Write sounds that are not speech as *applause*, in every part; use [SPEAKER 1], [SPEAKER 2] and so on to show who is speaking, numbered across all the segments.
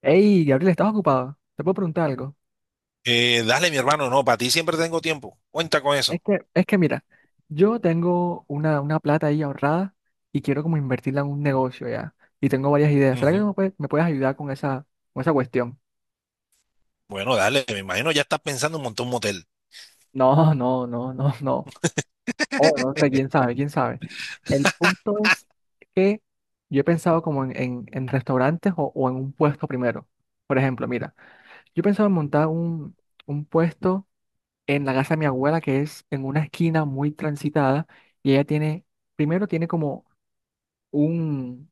[SPEAKER 1] Hey, Gabriel, ¿estás ocupado? ¿Te puedo preguntar algo?
[SPEAKER 2] Dale, mi hermano, no, para ti siempre tengo tiempo. Cuenta con
[SPEAKER 1] Es
[SPEAKER 2] eso.
[SPEAKER 1] que, es que mira, yo tengo una plata ahí ahorrada y quiero como invertirla en un negocio ya. Y tengo varias ideas. ¿Será que
[SPEAKER 2] Ujú.
[SPEAKER 1] me puedes ayudar con esa cuestión?
[SPEAKER 2] Bueno, dale, me imagino ya estás pensando en montar un motel.
[SPEAKER 1] No, no, no, no, no. Oh, no
[SPEAKER 2] *laughs*
[SPEAKER 1] sé, quién sabe, quién sabe. El punto es que yo he pensado como en restaurantes o en un puesto primero. Por ejemplo, mira, yo he pensado en montar un puesto en la casa de mi abuela, que es en una esquina muy transitada, y ella tiene, primero tiene como un,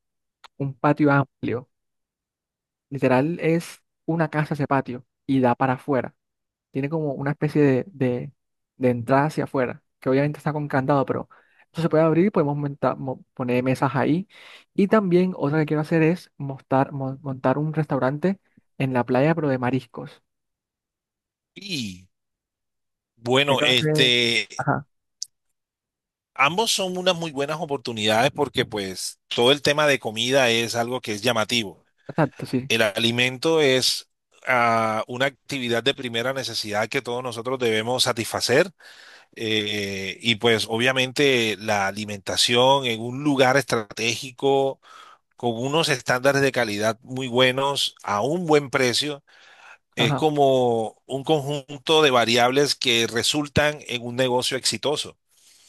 [SPEAKER 1] un patio amplio, literal es una casa ese patio, y da para afuera, tiene como una especie de entrada hacia afuera, que obviamente está con candado, pero eso se puede abrir y podemos poner mesas ahí, y también otra que quiero hacer es montar un restaurante en la playa, pero de mariscos.
[SPEAKER 2] Y
[SPEAKER 1] Sé
[SPEAKER 2] bueno,
[SPEAKER 1] que va a ser- Ajá,
[SPEAKER 2] ambos son unas muy buenas oportunidades porque pues todo el tema de comida es algo que es llamativo.
[SPEAKER 1] exacto, sí,
[SPEAKER 2] El alimento es una actividad de primera necesidad que todos nosotros debemos satisfacer, y pues obviamente la alimentación en un lugar estratégico con unos estándares de calidad muy buenos a un buen precio, es
[SPEAKER 1] ajá,
[SPEAKER 2] como un conjunto de variables que resultan en un negocio exitoso.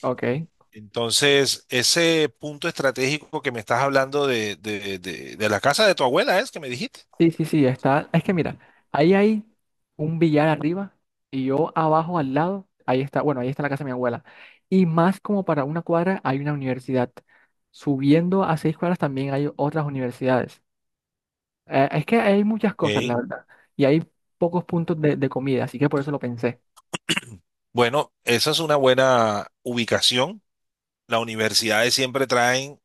[SPEAKER 1] ok.
[SPEAKER 2] Entonces, ese punto estratégico que me estás hablando de la casa de tu abuela es que me dijiste.
[SPEAKER 1] Sí, sí, sí, está. Es que mira, ahí hay un billar arriba y yo abajo al lado, ahí está, bueno, ahí está la casa de mi abuela. Y más como para una cuadra hay una universidad. Subiendo a 6 cuadras también hay otras universidades. Es que hay muchas cosas, la
[SPEAKER 2] Ok.
[SPEAKER 1] verdad. Y hay pocos puntos de comida, así que por eso lo pensé.
[SPEAKER 2] Bueno, esa es una buena ubicación. Las universidades siempre traen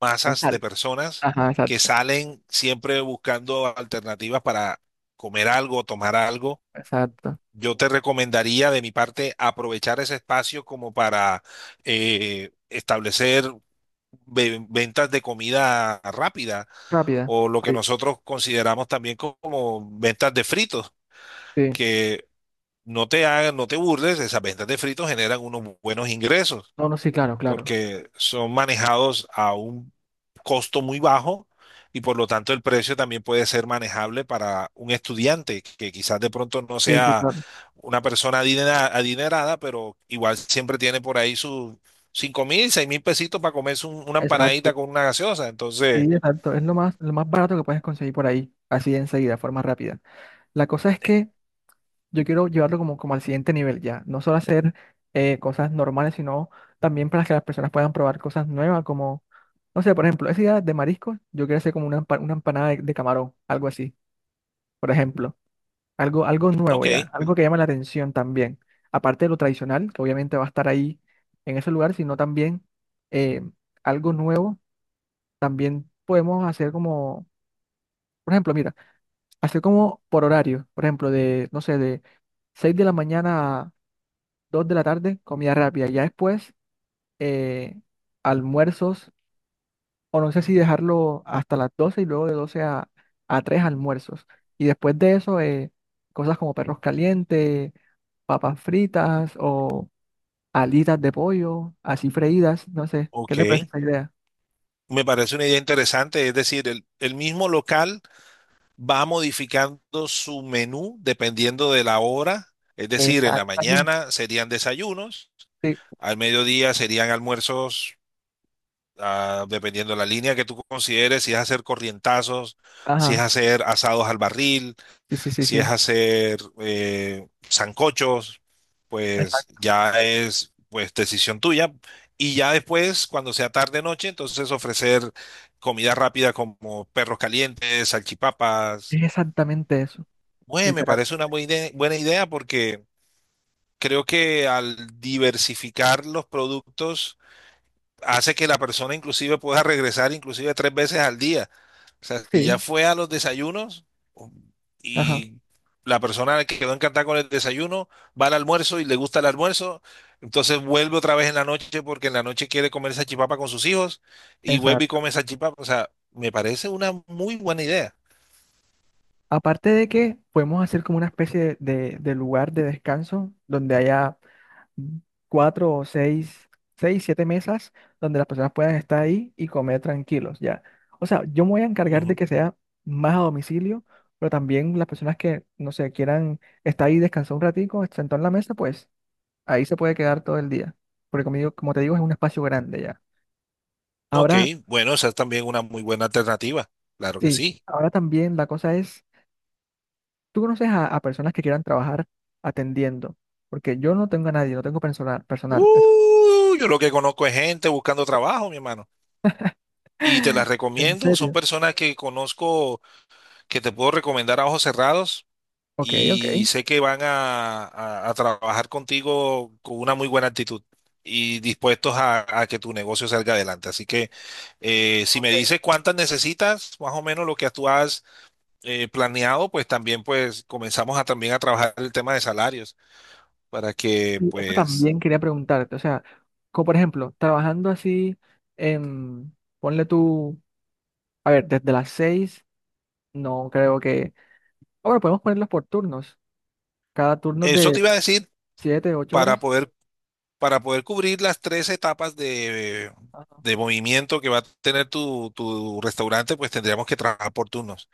[SPEAKER 2] masas de
[SPEAKER 1] González.
[SPEAKER 2] personas
[SPEAKER 1] Ajá,
[SPEAKER 2] que
[SPEAKER 1] exacto,
[SPEAKER 2] salen siempre buscando alternativas para comer algo, tomar algo.
[SPEAKER 1] exacto.
[SPEAKER 2] Yo te recomendaría de mi parte aprovechar ese espacio como para, establecer ventas de comida rápida
[SPEAKER 1] Rápida.
[SPEAKER 2] o lo que
[SPEAKER 1] Sí,
[SPEAKER 2] nosotros consideramos también como ventas de fritos,
[SPEAKER 1] sí.
[SPEAKER 2] que no te burles, esas ventas de fritos generan unos buenos ingresos
[SPEAKER 1] No, no, sí, claro, claro.
[SPEAKER 2] porque son manejados a un costo muy bajo y por lo tanto el precio también puede ser manejable para un estudiante que quizás de pronto no
[SPEAKER 1] Sí, sí,
[SPEAKER 2] sea
[SPEAKER 1] claro.
[SPEAKER 2] una persona adinerada, pero igual siempre tiene por ahí sus 5.000, 6.000 pesitos para comerse una
[SPEAKER 1] Exacto.
[SPEAKER 2] empanadita con una gaseosa.
[SPEAKER 1] Sí,
[SPEAKER 2] Entonces,
[SPEAKER 1] exacto. Es lo más barato que puedes conseguir por ahí, así de enseguida, de forma rápida. La cosa es que yo quiero llevarlo como, como al siguiente nivel ya. No solo hacer cosas normales, sino también para que las personas puedan probar cosas nuevas, como, no sé, por ejemplo, esa idea de mariscos, yo quiero hacer como una, una empanada de camarón, algo así, por ejemplo. Algo, algo nuevo ya,
[SPEAKER 2] ok,
[SPEAKER 1] algo que llame la atención también. Aparte de lo tradicional, que obviamente va a estar ahí en ese lugar, sino también eh, algo nuevo, también podemos hacer como, por ejemplo, mira. Así como por horario, por ejemplo, de, no sé, de 6 de la mañana a 2 de la tarde, comida rápida. Ya después, eh, almuerzos, o no sé si dejarlo hasta las 12 y luego de 12 a 3 almuerzos. Y después de eso, cosas como perros calientes, papas fritas o alitas de pollo, así freídas, no sé, ¿qué te parece
[SPEAKER 2] ok.
[SPEAKER 1] esa idea?
[SPEAKER 2] Me parece una idea interesante, es decir, el mismo local va modificando su menú dependiendo de la hora. Es decir, en la
[SPEAKER 1] Exactamente.
[SPEAKER 2] mañana serían desayunos,
[SPEAKER 1] Sí,
[SPEAKER 2] al mediodía serían almuerzos, dependiendo de la línea que tú consideres, si es hacer corrientazos, si es
[SPEAKER 1] ajá,
[SPEAKER 2] hacer asados al barril,
[SPEAKER 1] sí, sí, sí,
[SPEAKER 2] si es
[SPEAKER 1] sí.
[SPEAKER 2] hacer, sancochos, pues
[SPEAKER 1] Exact-
[SPEAKER 2] ya es pues decisión tuya. Y ya después, cuando sea tarde noche, entonces ofrecer comida rápida como perros calientes, salchipapas.
[SPEAKER 1] Es exactamente eso,
[SPEAKER 2] Bueno, me parece una
[SPEAKER 1] literalmente.
[SPEAKER 2] buena idea porque creo que al diversificar los productos hace que la persona inclusive pueda regresar inclusive tres veces al día. O sea, si ya
[SPEAKER 1] Sí,
[SPEAKER 2] fue a los desayunos
[SPEAKER 1] ajá.
[SPEAKER 2] y la persona que quedó encantada con el desayuno va al almuerzo y le gusta el almuerzo, entonces vuelve otra vez en la noche porque en la noche quiere comer salchipapa con sus hijos y vuelve y come salchipapa. O sea, me parece una muy buena idea.
[SPEAKER 1] Aparte de que podemos hacer como una especie de lugar de descanso donde haya cuatro o seis, siete mesas donde las personas puedan estar ahí y comer tranquilos, ya. O sea, yo me voy a encargar de que sea más a domicilio, pero también las personas que, no sé, quieran estar ahí, descansar un ratico, sentado en la mesa, pues ahí se puede quedar todo el día. Porque conmigo, como te digo, es un espacio grande ya.
[SPEAKER 2] Ok,
[SPEAKER 1] Ahora,
[SPEAKER 2] bueno, esa es también una muy buena alternativa. Claro que
[SPEAKER 1] sí,
[SPEAKER 2] sí.
[SPEAKER 1] ahora también la cosa es ¿tú conoces a personas que quieran trabajar atendiendo? Porque yo no tengo a nadie, no tengo personal.
[SPEAKER 2] Yo lo que conozco es gente buscando trabajo, mi hermano. Y te las
[SPEAKER 1] ¿En
[SPEAKER 2] recomiendo. Son
[SPEAKER 1] serio?
[SPEAKER 2] personas que conozco, que te puedo recomendar a ojos cerrados
[SPEAKER 1] Ok, ok.
[SPEAKER 2] y sé que van a, a trabajar contigo con una muy buena actitud y dispuestos a que tu negocio salga adelante. Así que, si me
[SPEAKER 1] Ok.
[SPEAKER 2] dices cuántas necesitas, más o menos lo que tú has, planeado, pues también pues comenzamos a también a trabajar el tema de salarios, para que,
[SPEAKER 1] Sí, esto
[SPEAKER 2] pues,
[SPEAKER 1] también quería preguntarte. O sea, como por ejemplo, trabajando así, en, ponle tú, a ver, desde las seis, no creo que... Ah, bueno, podemos ponerlos por turnos. Cada turno es
[SPEAKER 2] eso te
[SPEAKER 1] de
[SPEAKER 2] iba a decir,
[SPEAKER 1] siete, ocho
[SPEAKER 2] para
[SPEAKER 1] horas.
[SPEAKER 2] poder, para poder cubrir las tres etapas
[SPEAKER 1] Ajá.
[SPEAKER 2] de movimiento que va a tener tu restaurante, pues tendríamos que trabajar por turnos,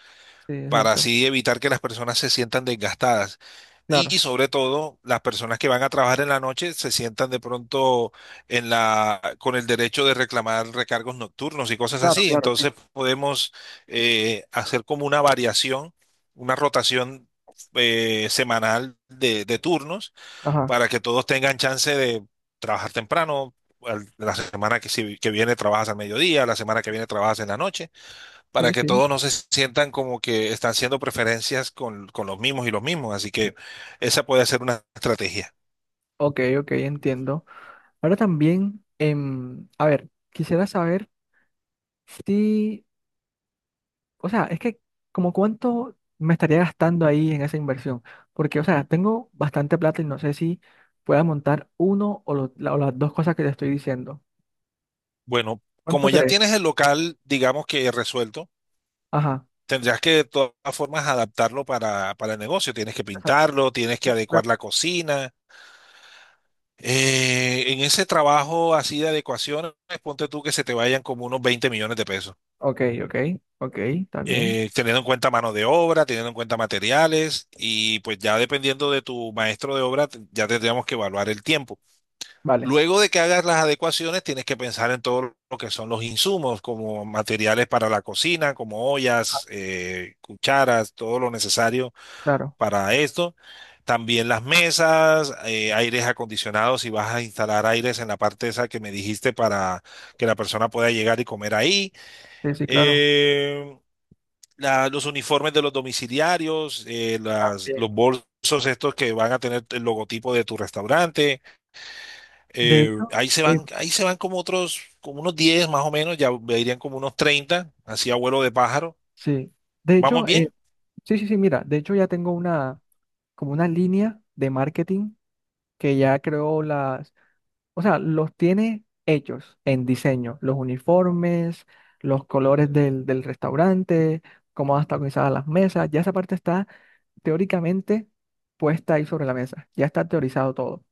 [SPEAKER 1] Sí,
[SPEAKER 2] para
[SPEAKER 1] exacto.
[SPEAKER 2] así evitar que las personas se sientan desgastadas.
[SPEAKER 1] Claro,
[SPEAKER 2] Y, sobre todo, las personas que van a trabajar en la noche se sientan de pronto con el derecho de reclamar recargos nocturnos y cosas
[SPEAKER 1] claro,
[SPEAKER 2] así.
[SPEAKER 1] claro, sí.
[SPEAKER 2] Entonces podemos, hacer como una variación, una rotación, semanal de turnos
[SPEAKER 1] Ajá.
[SPEAKER 2] para que todos tengan chance de trabajar temprano. La semana que, si- que viene trabajas al mediodía, la semana que viene trabajas en la noche para
[SPEAKER 1] Sí,
[SPEAKER 2] que
[SPEAKER 1] sí.
[SPEAKER 2] todos no se sientan como que están haciendo preferencias con los mismos y los mismos. Así que esa puede ser una estrategia.
[SPEAKER 1] Ok, ok, entiendo. Ahora también, a ver, quisiera saber... Sí, o sea, es que como cuánto me estaría gastando ahí en esa inversión, porque, o sea, tengo bastante plata y no sé si pueda montar uno o, o las dos cosas que te estoy diciendo.
[SPEAKER 2] Bueno,
[SPEAKER 1] ¿Cuánto
[SPEAKER 2] como ya
[SPEAKER 1] crees?
[SPEAKER 2] tienes el local, digamos que resuelto,
[SPEAKER 1] Ajá.
[SPEAKER 2] tendrás que de todas formas adaptarlo para el negocio. Tienes que
[SPEAKER 1] Exacto,
[SPEAKER 2] pintarlo, tienes que
[SPEAKER 1] sí, sí,
[SPEAKER 2] adecuar
[SPEAKER 1] claro.
[SPEAKER 2] la cocina. En ese trabajo así de adecuaciones, ponte tú que se te vayan como unos 20 millones de pesos,
[SPEAKER 1] Ok, ok, ok, está bien.
[SPEAKER 2] teniendo en cuenta mano de obra, teniendo en cuenta materiales y pues ya dependiendo de tu maestro de obra, ya tendríamos que evaluar el tiempo.
[SPEAKER 1] Vale.
[SPEAKER 2] Luego de que hagas las adecuaciones, tienes que pensar en todo lo que son los insumos, como materiales para la cocina, como
[SPEAKER 1] Ajá,
[SPEAKER 2] ollas, cucharas, todo lo necesario
[SPEAKER 1] claro.
[SPEAKER 2] para esto. También las mesas, aires acondicionados, si vas a instalar aires en la parte esa que me dijiste para que la persona pueda llegar y comer ahí.
[SPEAKER 1] Sí, sí, claro.
[SPEAKER 2] Eh, los uniformes de los domiciliarios,
[SPEAKER 1] También.
[SPEAKER 2] los bolsos estos que van a tener el logotipo de tu restaurante.
[SPEAKER 1] De
[SPEAKER 2] Eh,
[SPEAKER 1] hecho,
[SPEAKER 2] ahí se
[SPEAKER 1] eh,
[SPEAKER 2] van, ahí se van como otros, como unos 10 más o menos, ya irían como unos 30 así a vuelo de pájaro.
[SPEAKER 1] sí. De
[SPEAKER 2] ¿Vamos
[SPEAKER 1] hecho,
[SPEAKER 2] bien?
[SPEAKER 1] sí, sí, sí, mira, de hecho ya tengo una, como una línea de marketing que ya creo la. O sea, los tiene hechos en diseño, los uniformes, los colores del restaurante, cómo van a estar organizadas las mesas, ya esa parte está teóricamente puesta ahí sobre la mesa, ya está teorizado todo.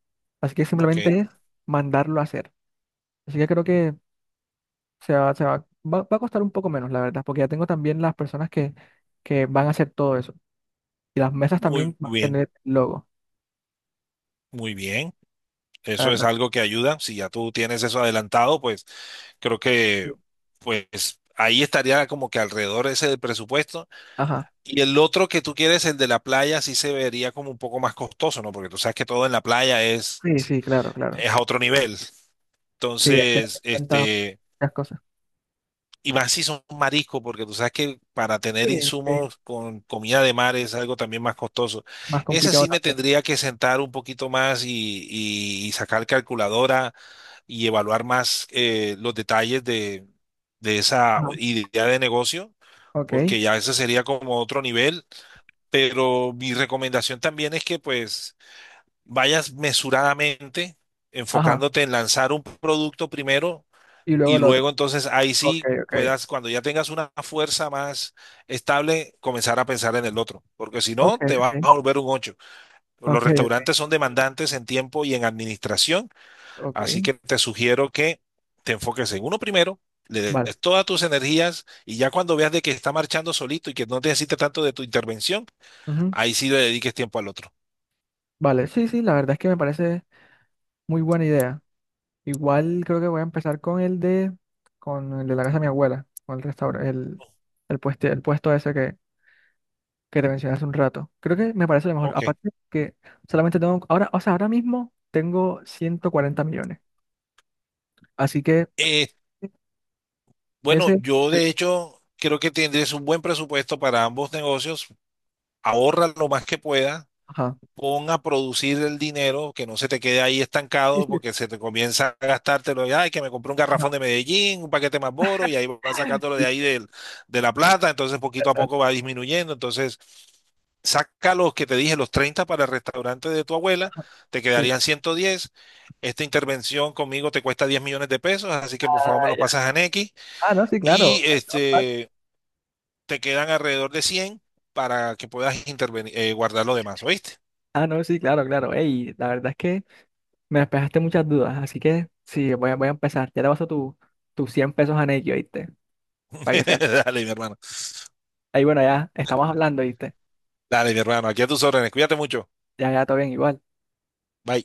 [SPEAKER 1] Así que
[SPEAKER 2] Ok,
[SPEAKER 1] simplemente es mandarlo a hacer. Así que creo que va a costar un poco menos, la verdad, porque ya tengo también las personas que van a hacer todo eso. Y las mesas
[SPEAKER 2] muy
[SPEAKER 1] también van a
[SPEAKER 2] bien,
[SPEAKER 1] tener logo,
[SPEAKER 2] muy bien.
[SPEAKER 1] la
[SPEAKER 2] Eso es
[SPEAKER 1] verdad.
[SPEAKER 2] algo que ayuda. Si ya tú tienes eso adelantado, pues creo que
[SPEAKER 1] Sí.
[SPEAKER 2] pues ahí estaría como que alrededor ese del presupuesto.
[SPEAKER 1] Ajá.
[SPEAKER 2] Y el otro que tú quieres, el de la playa, sí se vería como un poco más costoso, ¿no? Porque tú sabes que todo en la playa
[SPEAKER 1] Sí, sí, claro, claro.
[SPEAKER 2] es a otro nivel.
[SPEAKER 1] Sí, hay que tener
[SPEAKER 2] Entonces,
[SPEAKER 1] en cuenta
[SPEAKER 2] este,
[SPEAKER 1] muchas cosas.
[SPEAKER 2] y más si son mariscos, porque tú sabes que para tener
[SPEAKER 1] Sí, sí.
[SPEAKER 2] insumos con comida de mar es algo también más costoso.
[SPEAKER 1] Más
[SPEAKER 2] Ese
[SPEAKER 1] complicado
[SPEAKER 2] sí me
[SPEAKER 1] también.
[SPEAKER 2] tendría que sentar un poquito más, y sacar calculadora y evaluar más, los detalles de esa
[SPEAKER 1] Ajá.
[SPEAKER 2] idea de negocio,
[SPEAKER 1] Ok.
[SPEAKER 2] porque ya ese sería como otro nivel, pero mi recomendación también es que pues vayas mesuradamente
[SPEAKER 1] Ajá.
[SPEAKER 2] enfocándote en lanzar un producto primero
[SPEAKER 1] Y luego
[SPEAKER 2] y
[SPEAKER 1] el
[SPEAKER 2] luego
[SPEAKER 1] otro.
[SPEAKER 2] entonces ahí
[SPEAKER 1] Ok,
[SPEAKER 2] sí
[SPEAKER 1] ok.
[SPEAKER 2] puedas, cuando ya tengas una fuerza más estable, comenzar a pensar en el otro, porque si
[SPEAKER 1] Ok,
[SPEAKER 2] no, te vas
[SPEAKER 1] ok.
[SPEAKER 2] a volver un ocho. Los
[SPEAKER 1] Ok, ok.
[SPEAKER 2] restaurantes son demandantes en tiempo y en administración,
[SPEAKER 1] Ok.
[SPEAKER 2] así que te sugiero que te enfoques en uno primero. Le
[SPEAKER 1] Vale.
[SPEAKER 2] des todas tus energías y ya cuando veas de que está marchando solito y que no necesita tanto de tu intervención,
[SPEAKER 1] Ujú.
[SPEAKER 2] ahí sí le dediques tiempo al otro.
[SPEAKER 1] Vale. Sí, sí, la verdad es que me parece muy buena idea. Igual creo que voy a empezar con el de la casa de mi abuela, con el restaurante, el, el puesto ese que te mencioné hace un rato. Creo que me parece lo mejor.
[SPEAKER 2] Ok.
[SPEAKER 1] Aparte que solamente tengo, ahora, o sea, ahora mismo tengo 140 millones. Así que
[SPEAKER 2] Eh, bueno,
[SPEAKER 1] ese,
[SPEAKER 2] yo de hecho creo que tendrías un buen presupuesto para ambos negocios. Ahorra lo más que pueda.
[SPEAKER 1] ajá.
[SPEAKER 2] Pon a producir el dinero, que no se te quede ahí
[SPEAKER 1] Sí,
[SPEAKER 2] estancado
[SPEAKER 1] sí,
[SPEAKER 2] porque se te comienza a gastártelo. Y, ay, que me compré un
[SPEAKER 1] ajá.
[SPEAKER 2] garrafón de Medellín, un paquete más boro y ahí vas sacándolo
[SPEAKER 1] Sí,
[SPEAKER 2] de
[SPEAKER 1] sí,
[SPEAKER 2] ahí del- de la plata. Entonces poquito a
[SPEAKER 1] exacto.
[SPEAKER 2] poco va disminuyendo. Entonces saca los que te dije, los 30 para el restaurante de tu abuela, te
[SPEAKER 1] Sí.
[SPEAKER 2] quedarían 110. Esta intervención conmigo te cuesta 10 millones de pesos, así que por favor me
[SPEAKER 1] Ah,
[SPEAKER 2] los
[SPEAKER 1] ya.
[SPEAKER 2] pasas a Nequi
[SPEAKER 1] Ah, no, sí,
[SPEAKER 2] y
[SPEAKER 1] claro. Ahí no pasa.
[SPEAKER 2] este, te quedan alrededor de 100 para que puedas intervenir, guardar lo demás, ¿oíste?
[SPEAKER 1] Ah, no, sí, claro, claro. Ey, la verdad es que me despejaste muchas dudas, así que sí, voy a empezar. Ya te paso tus 100 pesos a Nequi, ¿oíste?
[SPEAKER 2] *laughs*
[SPEAKER 1] Para que seas.
[SPEAKER 2] Dale, mi hermano.
[SPEAKER 1] Ahí, bueno, ya estamos hablando, ¿oíste?
[SPEAKER 2] Dale, mi hermano. Aquí a tus órdenes. Cuídate mucho.
[SPEAKER 1] Ya, ya, todo bien, igual.
[SPEAKER 2] Bye.